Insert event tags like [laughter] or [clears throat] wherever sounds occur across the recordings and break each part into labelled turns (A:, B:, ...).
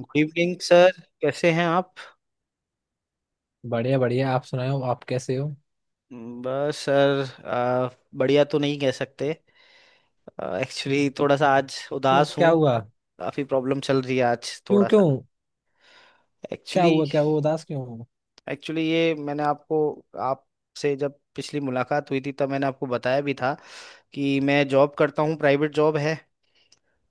A: Good evening sir, कैसे हैं आप।
B: बढ़िया बढ़िया, आप सुनाओ। आप कैसे हो?
A: बस सर बढ़िया तो नहीं कह सकते। एक्चुअली थोड़ा सा आज
B: क्यों?
A: उदास
B: क्या
A: हूँ।
B: हुआ?
A: काफ़ी प्रॉब्लम चल रही है आज
B: क्यों
A: थोड़ा सा।
B: क्यों? क्या
A: एक्चुअली
B: हुआ? क्या हुआ, उदास क्यों हो?
A: एक्चुअली ये मैंने आपको, आपसे जब पिछली मुलाकात हुई थी तब मैंने आपको बताया भी था कि मैं जॉब करता हूँ, प्राइवेट जॉब है।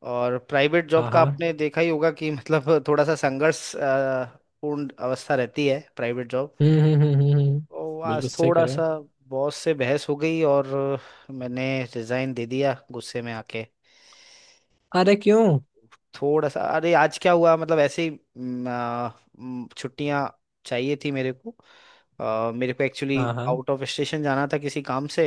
A: और प्राइवेट जॉब
B: हाँ
A: का
B: हाँ।
A: आपने देखा ही होगा कि मतलब थोड़ा सा संघर्ष पूर्ण अवस्था रहती है प्राइवेट जॉब।
B: हम्म हम्म हम्म हम्म हम्म,
A: तो
B: बिल्कुल
A: आज
B: सही कह
A: थोड़ा
B: रहे हो।
A: सा बॉस से बहस हो गई और मैंने रिजाइन दे दिया गुस्से में आके।
B: अरे क्यों?
A: थोड़ा सा अरे आज क्या हुआ, मतलब ऐसे ही छुट्टियां चाहिए थी मेरे को। मेरे को एक्चुअली
B: हाँ हाँ।
A: आउट ऑफ स्टेशन जाना था किसी काम से।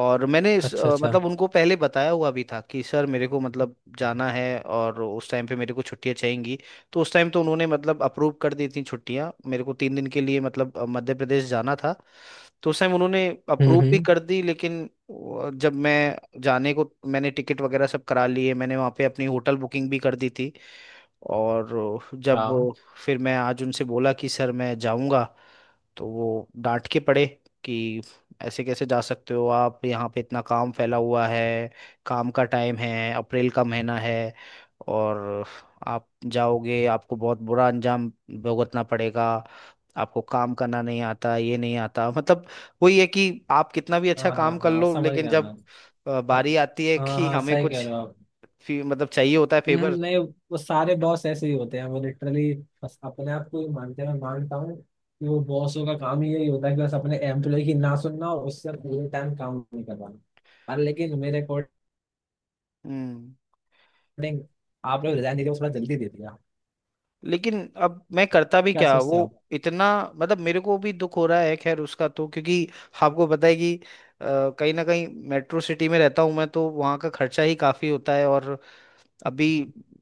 A: और मैंने इस
B: अच्छा अच्छा।
A: मतलब उनको पहले बताया हुआ भी था कि सर मेरे को मतलब जाना है और उस टाइम पे मेरे को छुट्टियां चाहिएंगी। तो उस टाइम तो उन्होंने मतलब अप्रूव कर दी थी छुट्टियां मेरे को, तीन दिन के लिए मतलब मध्य प्रदेश जाना था। तो उस टाइम उन्होंने अप्रूव भी
B: हम्म।
A: कर दी, लेकिन जब मैं जाने को, मैंने टिकट वगैरह सब करा लिए, मैंने वहाँ पे अपनी होटल बुकिंग भी कर दी थी। और जब
B: हाँ
A: फिर मैं आज उनसे बोला कि सर मैं जाऊँगा, तो वो डांट के पड़े कि ऐसे कैसे जा सकते हो आप, यहाँ पे इतना काम फैला हुआ है, काम का टाइम है, अप्रैल का महीना है और आप जाओगे, आपको बहुत बुरा अंजाम भुगतना पड़ेगा, आपको काम करना नहीं आता, ये नहीं आता। [laughs] मतलब वही है कि आप कितना भी अच्छा
B: हाँ हाँ
A: काम कर
B: हाँ,
A: लो
B: समझ
A: लेकिन
B: गया मैं।
A: जब बारी आती है
B: हाँ
A: कि
B: हाँ,
A: हमें
B: सही कह
A: कुछ
B: रहे हो आप।
A: मतलब चाहिए होता है फेवर।
B: नहीं, वो सारे बॉस ऐसे ही होते हैं, वो लिटरली बस अपने आप को ही मानते हैं। मैं मानता हूँ कि वो बॉसों का काम ही यही होता है कि बस अपने एम्प्लॉय की ना सुनना और उससे पूरे टाइम काम नहीं करवाना। पर लेकिन मेरे अकॉर्डिंग,
A: हम्म।
B: रिकॉर्डिंग, आप लोग रिजाइन दे दिया, वो थोड़ा जल्दी दे दिया।
A: लेकिन अब मैं करता भी
B: क्या
A: क्या, वो
B: सोचते हो आप?
A: इतना, मतलब मेरे को भी दुख हो रहा है खैर उसका तो, क्योंकि आपको पता है कि अ, कहीं ना कहीं मेट्रो सिटी में रहता हूँ मैं, तो वहाँ का खर्चा ही काफी होता है और अभी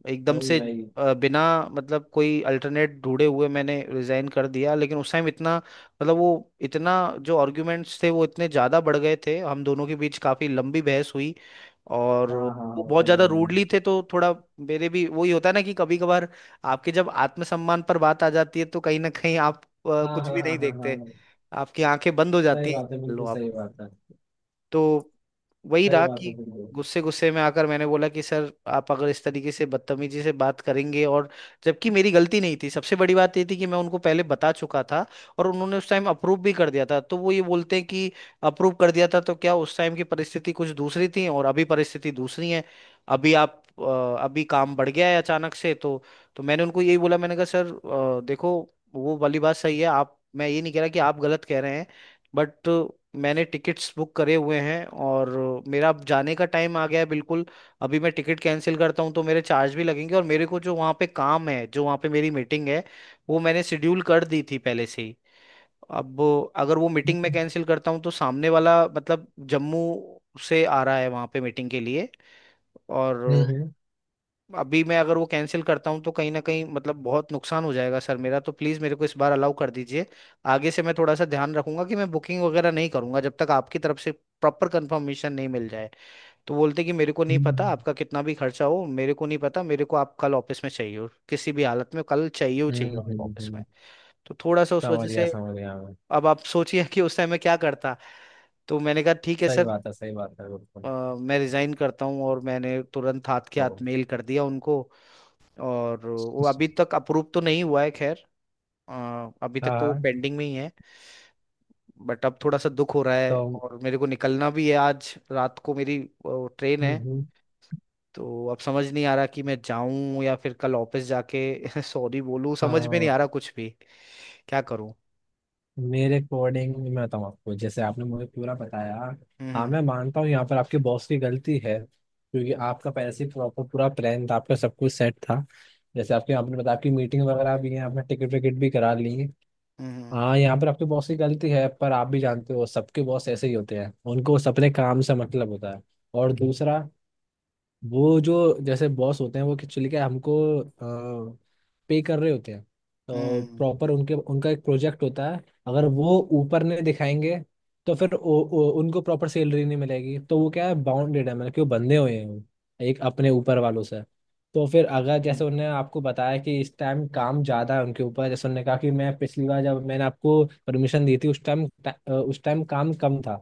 A: एकदम
B: भाई
A: से
B: भाई।
A: बिना मतलब कोई अल्टरनेट ढूंढे हुए मैंने रिजाइन कर दिया। लेकिन उस टाइम इतना, मतलब वो इतना, जो आर्ग्यूमेंट्स थे वो इतने ज़्यादा बढ़ गए थे, हम दोनों के बीच काफ़ी लंबी बहस हुई और
B: हाँ
A: वो
B: हाँ हाँ,
A: बहुत
B: समझ
A: ज़्यादा
B: गया
A: रूडली
B: मैं।
A: थे, तो थोड़ा मेरे भी वही होता है ना कि कभी कभार आपके जब आत्मसम्मान पर बात आ जाती है तो कहीं ना कहीं आप
B: हाँ
A: कुछ
B: हाँ
A: भी नहीं
B: हाँ हाँ हाँ
A: देखते,
B: हाँ,
A: आपकी आंखें बंद हो जाती
B: सही बात है,
A: हैं
B: बिल्कुल
A: लो।
B: सही बात है।
A: तो वही
B: सही
A: रहा
B: बात
A: कि
B: है बिल्कुल।
A: गुस्से गुस्से में आकर मैंने बोला कि सर, आप अगर इस तरीके से बदतमीजी से बात करेंगे, और जबकि मेरी गलती नहीं थी, सबसे बड़ी बात ये थी कि मैं उनको पहले बता चुका था और उन्होंने उस टाइम अप्रूव भी कर दिया था, तो वो ये बोलते हैं कि अप्रूव कर दिया था तो क्या, उस टाइम की परिस्थिति कुछ दूसरी थी और अभी परिस्थिति दूसरी है, अभी आप अभी काम बढ़ गया है अचानक से। तो मैंने उनको यही बोला, मैंने कहा सर देखो, वो वाली बात सही है आप, मैं ये नहीं कह रहा कि आप गलत कह रहे हैं, बट मैंने टिकट्स बुक करे हुए हैं और मेरा अब जाने का टाइम आ गया है बिल्कुल। अभी मैं टिकट कैंसिल करता हूँ तो मेरे चार्ज भी लगेंगे, और मेरे को जो वहाँ पे काम है, जो वहाँ पे मेरी मीटिंग है, वो मैंने शेड्यूल कर दी थी पहले से ही। अब अगर वो मीटिंग मैं कैंसिल करता हूँ तो सामने वाला मतलब जम्मू से आ रहा है वहाँ पे मीटिंग के लिए, और
B: हम्म हम्म
A: अभी मैं अगर वो कैंसिल करता हूँ तो कहीं ना कहीं मतलब बहुत नुकसान हो जाएगा सर मेरा। तो प्लीज़ मेरे को इस बार अलाउ कर दीजिए, आगे से मैं थोड़ा सा ध्यान रखूंगा कि मैं बुकिंग वगैरह नहीं करूंगा जब तक आपकी तरफ से प्रॉपर कंफर्मेशन नहीं मिल जाए। तो बोलते कि मेरे को नहीं पता
B: हम्म,
A: आपका कितना भी खर्चा हो, मेरे को नहीं पता, मेरे को आप कल ऑफिस में चाहिए हो, किसी भी हालत में कल चाहिए हो चाहिए
B: हम्म,
A: हो आप
B: हम्म,
A: ऑफिस में।
B: हम्म,
A: तो थोड़ा सा उस वजह से,
B: समझ गया मैं।
A: अब आप सोचिए कि उस टाइम मैं क्या करता। तो मैंने कहा ठीक है
B: सही
A: सर,
B: बात है, सही बात है
A: अ,
B: बिल्कुल।
A: मैं रिजाइन करता हूँ, और मैंने तुरंत हाथ के हाथ
B: तो
A: मेल कर दिया उनको। और वो अभी तक अप्रूव तो नहीं हुआ है खैर, अभी तक
B: हाँ
A: तो वो
B: हाँ।
A: पेंडिंग में ही है। बट अब थोड़ा सा दुख हो रहा है,
B: तो
A: और मेरे को निकलना भी है, आज रात को मेरी ट्रेन है।
B: हम्म।
A: तो अब समझ नहीं आ रहा कि मैं जाऊं या फिर कल ऑफिस जाके [laughs] सॉरी बोलूं, समझ में नहीं
B: हाँ।
A: आ रहा कुछ भी, क्या करूं।
B: मेरे अकॉर्डिंग मैं बताऊँ आपको, जैसे आपने मुझे पूरा बताया। हाँ,
A: हम्म
B: मैं मानता हूँ यहाँ पर आपकी बॉस की गलती है, क्योंकि आपका पहले से प्रॉपर पूरा प्लान था, आपका सब कुछ सेट था। जैसे आपके आपने बताया, आपकी मीटिंग वगैरह भी है, आपने टिकट विकेट भी करा ली है।
A: हम्म
B: हाँ, यहाँ पर आपके बॉस की गलती है, पर आप भी जानते हो सबके बॉस ऐसे ही होते हैं, उनको सब अपने काम से मतलब होता है। और दूसरा, वो जो जैसे बॉस होते हैं, वो एक्चुअली क्या हमको पे कर रहे होते हैं, तो
A: हम्म
B: प्रॉपर उनके उनका एक प्रोजेक्ट होता है। अगर वो ऊपर नहीं दिखाएंगे, तो फिर ओ, ओ, उनको प्रॉपर सैलरी नहीं मिलेगी, तो वो क्या है, बाउंडेड है, मतलब कि वो बंधे हुए हैं, वो एक अपने ऊपर वालों से। तो फिर अगर जैसे
A: हम्म
B: उन्होंने आपको बताया कि इस टाइम काम ज़्यादा है उनके ऊपर, जैसे उन्होंने कहा कि मैं पिछली बार जब मैंने आपको परमिशन दी थी उस टाइम काम कम था,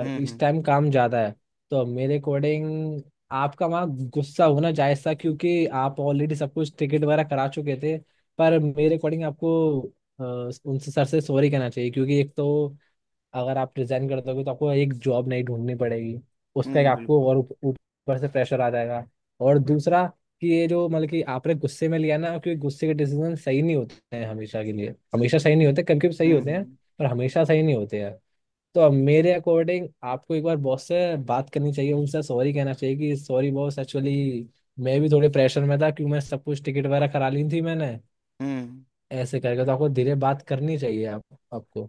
A: हम्म हम्म हम्म,
B: इस
A: हम्म,
B: टाइम काम ज़्यादा है। तो मेरे अकॉर्डिंग आपका वहाँ गुस्सा होना जायज था, क्योंकि आप ऑलरेडी सब कुछ टिकट वगैरह करा चुके थे। पर मेरे अकॉर्डिंग आपको अ, उनसे, सर से, सॉरी कहना चाहिए, क्योंकि एक तो अगर आप रिजाइन कर दोगे तो आपको एक जॉब नहीं ढूंढनी पड़ेगी, उसका एक आपको,
A: बिल्कुल।
B: और ऊपर से प्रेशर आ जाएगा। और दूसरा कि ये जो मतलब कि आपने गुस्से में लिया ना, क्योंकि गुस्से के डिसीजन सही नहीं होते हैं हमेशा के लिए, हमेशा सही नहीं होते, कभी कभी सही
A: हम्म
B: होते हैं,
A: हम्म
B: पर हमेशा सही नहीं होते हैं। तो अब मेरे अकॉर्डिंग आपको एक बार बॉस से बात करनी चाहिए, उनसे सॉरी कहना चाहिए कि सॉरी बॉस, एक्चुअली मैं भी थोड़े प्रेशर में था, क्योंकि मैं सब कुछ टिकट वगैरह करा ली थी मैंने।
A: हम्म
B: ऐसे करके तो आपको धीरे बात करनी चाहिए आप आपको।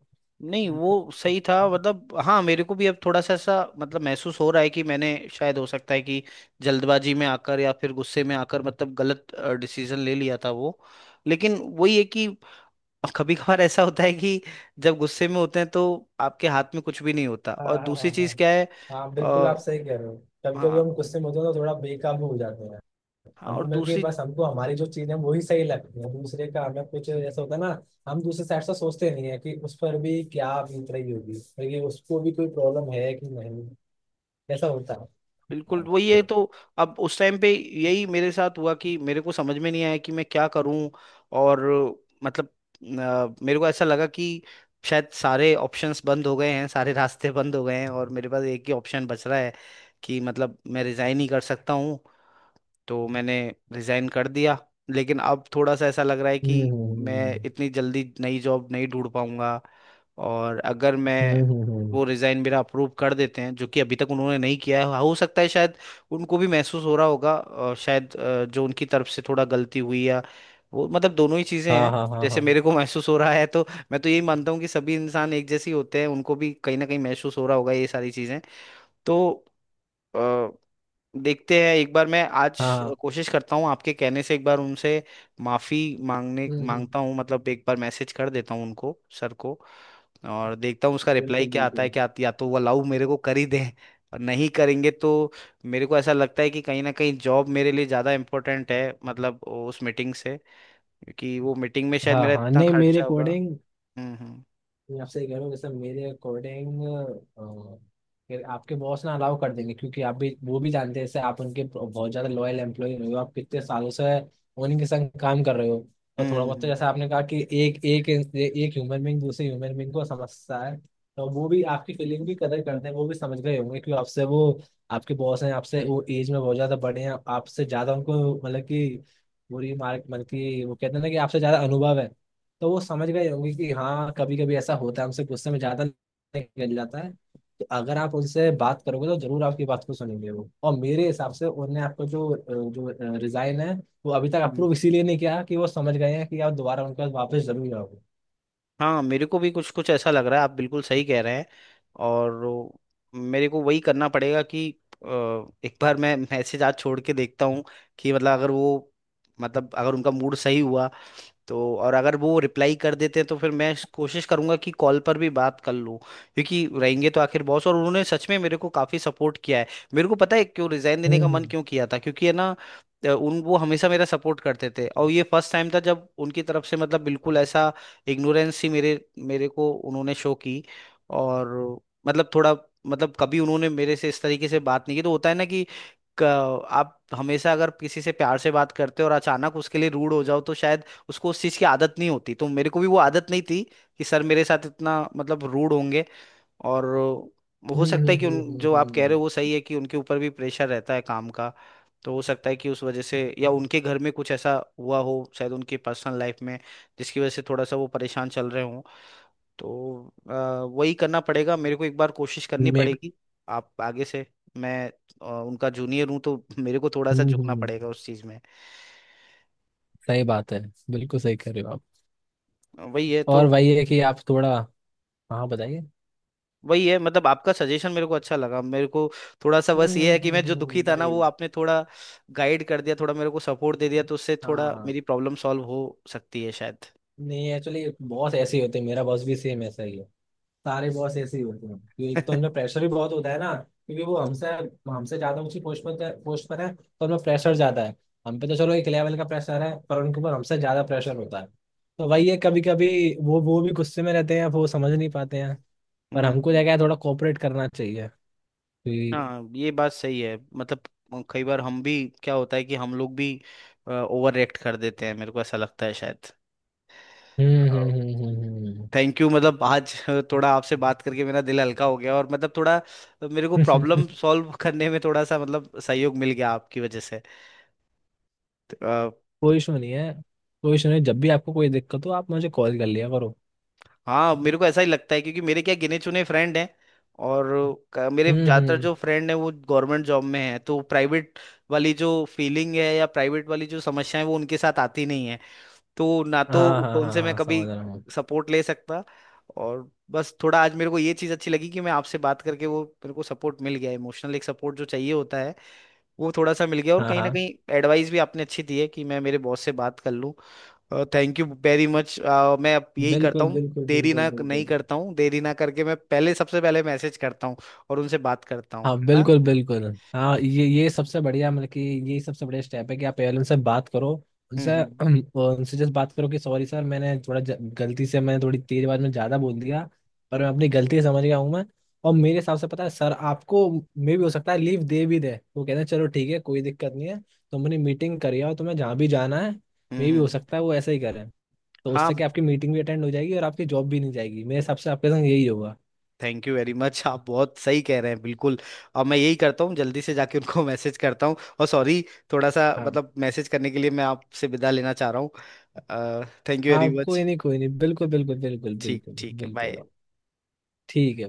A: नहीं वो सही था, मतलब हाँ मेरे को भी अब थोड़ा सा ऐसा मतलब महसूस हो रहा है कि मैंने शायद, हो सकता है कि जल्दबाजी में आकर या फिर गुस्से में आकर मतलब गलत डिसीजन ले लिया था वो। लेकिन वही है कि [laughs] कभी कभार ऐसा होता है कि जब गुस्से में होते हैं तो आपके हाथ में कुछ भी नहीं होता,
B: हाँ
A: और
B: हाँ हाँ
A: दूसरी
B: हाँ
A: चीज क्या है,
B: हाँ, बिल्कुल
A: आ,
B: आप सही कह रहे हो। कभी कभी
A: हाँ।
B: हम गुस्से में होते हैं तो थोड़ा बेकाबू हो जाते हैं।
A: हाँ
B: हमको
A: और
B: मिलके
A: दूसरी,
B: बस, हमको हमारी जो चीज़ है वही सही लगती है, दूसरे का हमें कुछ, ऐसा होता है ना। हम दूसरे साइड से सोचते नहीं है कि उस पर भी क्या बीत रही होगी, और ये उसको भी कोई प्रॉब्लम है कि नहीं, कैसा उड़ता है।
A: बिल्कुल वही है। तो अब उस टाइम पे यही मेरे साथ हुआ कि मेरे को समझ में नहीं आया कि मैं क्या करूं और मतलब मेरे को ऐसा लगा कि शायद सारे ऑप्शंस बंद हो गए हैं, सारे [laughs] रास्ते बंद हो गए हैं और मेरे पास एक ही ऑप्शन बच रहा है कि मतलब मैं रिजाइन ही कर सकता हूँ। तो मैंने रिजाइन कर दिया। लेकिन अब थोड़ा सा ऐसा लग रहा है
B: हम्म
A: कि मैं
B: हम्म
A: इतनी जल्दी नई जॉब नहीं ढूंढ पाऊंगा, और अगर मैं
B: हम्म।
A: वो रिजाइन मेरा अप्रूव कर देते हैं, जो कि अभी तक उन्होंने नहीं किया है, हो सकता है शायद उनको भी महसूस हो रहा होगा, और शायद जो उनकी तरफ से थोड़ा गलती हुई या वो, मतलब दोनों ही चीजें
B: हाँ
A: हैं
B: हाँ हाँ
A: जैसे
B: हाँ
A: मेरे को [laughs] महसूस हो रहा है। तो मैं तो यही मानता हूँ कि सभी इंसान एक जैसे ही होते हैं, उनको भी कहीं ना कहीं महसूस हो रहा होगा ये सारी चीजें। तो देखते हैं, एक बार मैं आज
B: हाँ।
A: कोशिश करता हूँ आपके कहने से, एक बार उनसे माफी मांगने
B: हम्म।
A: मांगता हूँ, मतलब एक बार मैसेज कर देता हूँ उनको सर को, और देखता हूँ उसका रिप्लाई
B: बिल्कुल
A: क्या आता है,
B: बिल्कुल।
A: या तो वो अलाउ मेरे को कर ही दें, और नहीं करेंगे तो मेरे को ऐसा लगता है कि कहीं ना कहीं जॉब मेरे लिए ज़्यादा इम्पोर्टेंट है मतलब उस मीटिंग से, क्योंकि वो मीटिंग में शायद
B: हाँ
A: मेरा
B: हाँ,
A: इतना
B: नहीं, मेरे
A: खर्चा होगा।
B: अकॉर्डिंग,
A: हम्म हम्म
B: मैं आपसे ये कह रहा हूँ, जैसे मेरे अकॉर्डिंग फिर आपके बॉस ना अलाउ कर देंगे, क्योंकि आप भी, वो भी जानते हैं, जैसे आप उनके बहुत ज्यादा लॉयल एम्प्लॉय रहे हो, आप कितने सालों से उन्हीं के संग काम कर रहे हो। तो
A: हम्म
B: थोड़ा
A: हम्म
B: बहुत तो,
A: हम्म,
B: जैसे आपने कहा कि एक एक एक ह्यूमन बींग दूसरे ह्यूमन बींग को समझता है, तो वो भी आपकी फीलिंग भी कदर करते हैं, वो भी समझ गए होंगे, क्योंकि आपसे वो आपके बॉस हैं, आपसे वो एज में बहुत ज्यादा बड़े हैं, आपसे ज्यादा उनको मतलब कि बुरी मार्क, मतलब कि वो कहते हैं ना कि आपसे ज्यादा अनुभव है। तो वो समझ गए होंगे कि हाँ, कभी कभी ऐसा होता है, हमसे गुस्से में ज्यादा निकल जाता है। तो अगर आप उनसे बात करोगे तो जरूर आपकी बात को सुनेंगे वो, और मेरे हिसाब से उन्होंने आपको जो रिजाइन है, वो अभी तक
A: हम्म।
B: अप्रूव इसीलिए नहीं किया कि वो समझ गए हैं कि आप दोबारा उनके पास वापस जरूर आओगे।
A: हाँ मेरे को भी कुछ कुछ ऐसा लग रहा है, आप बिल्कुल सही कह रहे हैं। और मेरे को वही करना पड़ेगा कि अ, एक बार मैं [laughs] मैसेज आज छोड़ के देखता हूँ कि मतलब अगर वो, मतलब अगर उनका मूड सही हुआ, तो और अगर वो रिप्लाई कर देते हैं तो फिर कोशिश करूंगा कि कॉल पर भी बात कर लूं, क्योंकि रहेंगे तो आखिर बॉस, और उन्होंने सच में मेरे को काफी सपोर्ट किया है। मेरे को पता है क्यों रिजाइन देने का
B: हम्म
A: मन क्यों किया था, क्योंकि है ना उन वो हमेशा मेरा सपोर्ट करते थे, और ये फर्स्ट टाइम था जब उनकी तरफ से मतलब बिल्कुल ऐसा इग्नोरेंस ही मेरे मेरे को उन्होंने शो की। और मतलब थोड़ा, मतलब कभी उन्होंने मेरे से इस तरीके से बात नहीं की, तो होता है ना कि क- आप हमेशा अगर किसी से प्यार से बात करते हो और अचानक उसके लिए रूड हो जाओ तो शायद उसको उस चीज़ की आदत नहीं होती, तो मेरे को भी वो आदत नहीं थी कि सर मेरे साथ इतना मतलब रूड होंगे। और हो
B: हम्म
A: सकता है कि उन जो आप कह रहे
B: हम्म
A: हो वो सही है कि उनके ऊपर भी प्रेशर रहता है काम का, तो हो सकता है कि उस वजह से या उनके घर में कुछ ऐसा हुआ हो शायद, उनकी पर्सनल लाइफ में, जिसकी वजह से थोड़ा सा वो परेशान चल रहे। तो वही करना पड़ेगा मेरे को, एक बार कोशिश करनी
B: मे
A: पड़ेगी। आप आगे से, मैं उनका जूनियर हूँ तो मेरे को थोड़ा सा
B: हम्म
A: झुकना
B: हम्म,
A: पड़ेगा उस चीज़ में।
B: सही बात है, बिल्कुल सही कर रहे हो आप।
A: वही है
B: और
A: तो,
B: वही है कि आप थोड़ा, हाँ बताइए।
A: वही है मतलब आपका सजेशन मेरे को अच्छा लगा। मेरे को थोड़ा सा बस ये है कि मैं जो दुखी था ना
B: भाई।
A: वो आपने थोड़ा गाइड कर दिया, थोड़ा मेरे को सपोर्ट दे दिया, तो उससे
B: हाँ
A: थोड़ा
B: हाँ,
A: मेरी प्रॉब्लम सॉल्व हो सकती है शायद।
B: नहीं एक्चुअली बॉस ऐसे ही होते हैं, मेरा बॉस भी सेम ऐसा ही है। सारे बॉस ऐसे ही होते हैं कि एक तो उनमें
A: [laughs]
B: प्रेशर भी बहुत होता है ना, क्योंकि वो हमसे हमसे ज्यादा ऊंची पोस्ट पर है, तो उनमें प्रेशर ज्यादा है। हम पे तो चलो एक लेवल का प्रेशर है, पर उनके ऊपर हमसे ज्यादा प्रेशर होता है। तो वही है, कभी कभी वो भी गुस्से में रहते हैं, वो समझ नहीं पाते हैं। पर हमको
A: हम्म।
B: जगह थोड़ा कोऑपरेट करना चाहिए, कि-
A: हाँ ये बात सही है, मतलब कई बार हम भी, क्या होता है कि हम लोग भी ओवर रिएक्ट कर देते हैं, मेरे को ऐसा लगता है शायद।
B: हम्म हम्म हम्म हम्म हम्म।
A: थैंक यू, मतलब आज थोड़ा आपसे बात करके मेरा दिल हल्का हो गया, और मतलब थोड़ा मेरे को
B: हम्म।
A: प्रॉब्लम
B: [laughs]
A: सॉल्व करने में थोड़ा सा मतलब सहयोग मिल गया आपकी वजह से। तो,
B: कोई इशू नहीं है, कोई इशू नहीं, जब भी आपको कोई दिक्कत हो आप मुझे कॉल कर लिया करो।
A: हाँ मेरे को ऐसा ही लगता है, क्योंकि मेरे क्या गिने चुने फ्रेंड हैं, और मेरे ज़्यादातर
B: हम्म।
A: जो फ्रेंड हैं वो गवर्नमेंट जॉब में हैं, तो प्राइवेट वाली जो फीलिंग है या प्राइवेट वाली जो समस्या है वो उनके साथ आती नहीं है। तो ना तो
B: हाँ हाँ हाँ
A: उनसे मैं
B: हाँ,
A: कभी
B: समझ रहा हूँ।
A: सपोर्ट ले सकता। और बस थोड़ा आज मेरे को ये चीज़ अच्छी लगी कि मैं आपसे बात करके वो मेरे को सपोर्ट मिल गया, इमोशनल एक सपोर्ट जो चाहिए होता है वो थोड़ा सा मिल गया, और
B: हाँ
A: कहीं ना
B: हाँ,
A: कहीं एडवाइस भी आपने अच्छी दी है कि मैं मेरे बॉस से बात कर लूँ। Thank you very much. मैं अब यही करता
B: बिल्कुल
A: हूँ,
B: बिल्कुल
A: देरी
B: बिल्कुल
A: ना
B: बिल्कुल।
A: नहीं करता हूँ, देरी ना करके मैं पहले, सबसे पहले मैसेज करता हूँ और उनसे बात करता हूँ,
B: हाँ
A: है ना।
B: बिल्कुल बिल्कुल। हाँ, ये सबसे बढ़िया, मतलब कि ये सबसे बढ़िया स्टेप है कि आप पेरेंट्स से बात करो,
A: हम्म
B: उनसे
A: हम्म
B: [clears throat] उनसे जस्ट बात करो कि सॉरी सर, मैंने थोड़ा गलती से मैंने थोड़ी तेज आवाज में ज़्यादा बोल दिया, पर मैं अपनी गलती समझ गया हूँ मैं। और मेरे हिसाब से, पता है सर आपको, मे भी हो सकता है लीव दे भी दे, वो कहते हैं चलो ठीक है कोई दिक्कत नहीं है, तुम अपनी मीटिंग कर आओ, तुम्हें जहाँ भी जाना है।
A: हम्म
B: मे भी हो
A: हम्म।
B: सकता है वो ऐसा ही करें। तो
A: हाँ
B: उससे क्या, आपकी मीटिंग भी अटेंड हो जाएगी और आपकी जॉब भी नहीं जाएगी, मेरे हिसाब से आपके संग यही होगा।
A: थैंक यू वेरी मच, आप बहुत सही कह रहे हैं बिल्कुल। और मैं यही करता हूँ, जल्दी से जाके उनको [laughs] मैसेज करता हूँ। और सॉरी, थोड़ा सा
B: हाँ।
A: मतलब मैसेज करने के लिए मैं आपसे विदा लेना चाह रहा हूँ, थैंक यू वेरी
B: हाँ, कोई
A: मच।
B: नहीं कोई नहीं, बिल्कुल बिल्कुल बिल्कुल
A: ठीक
B: बिल्कुल
A: ठीक है,
B: बिल्कुल।
A: बाय।
B: ठीक।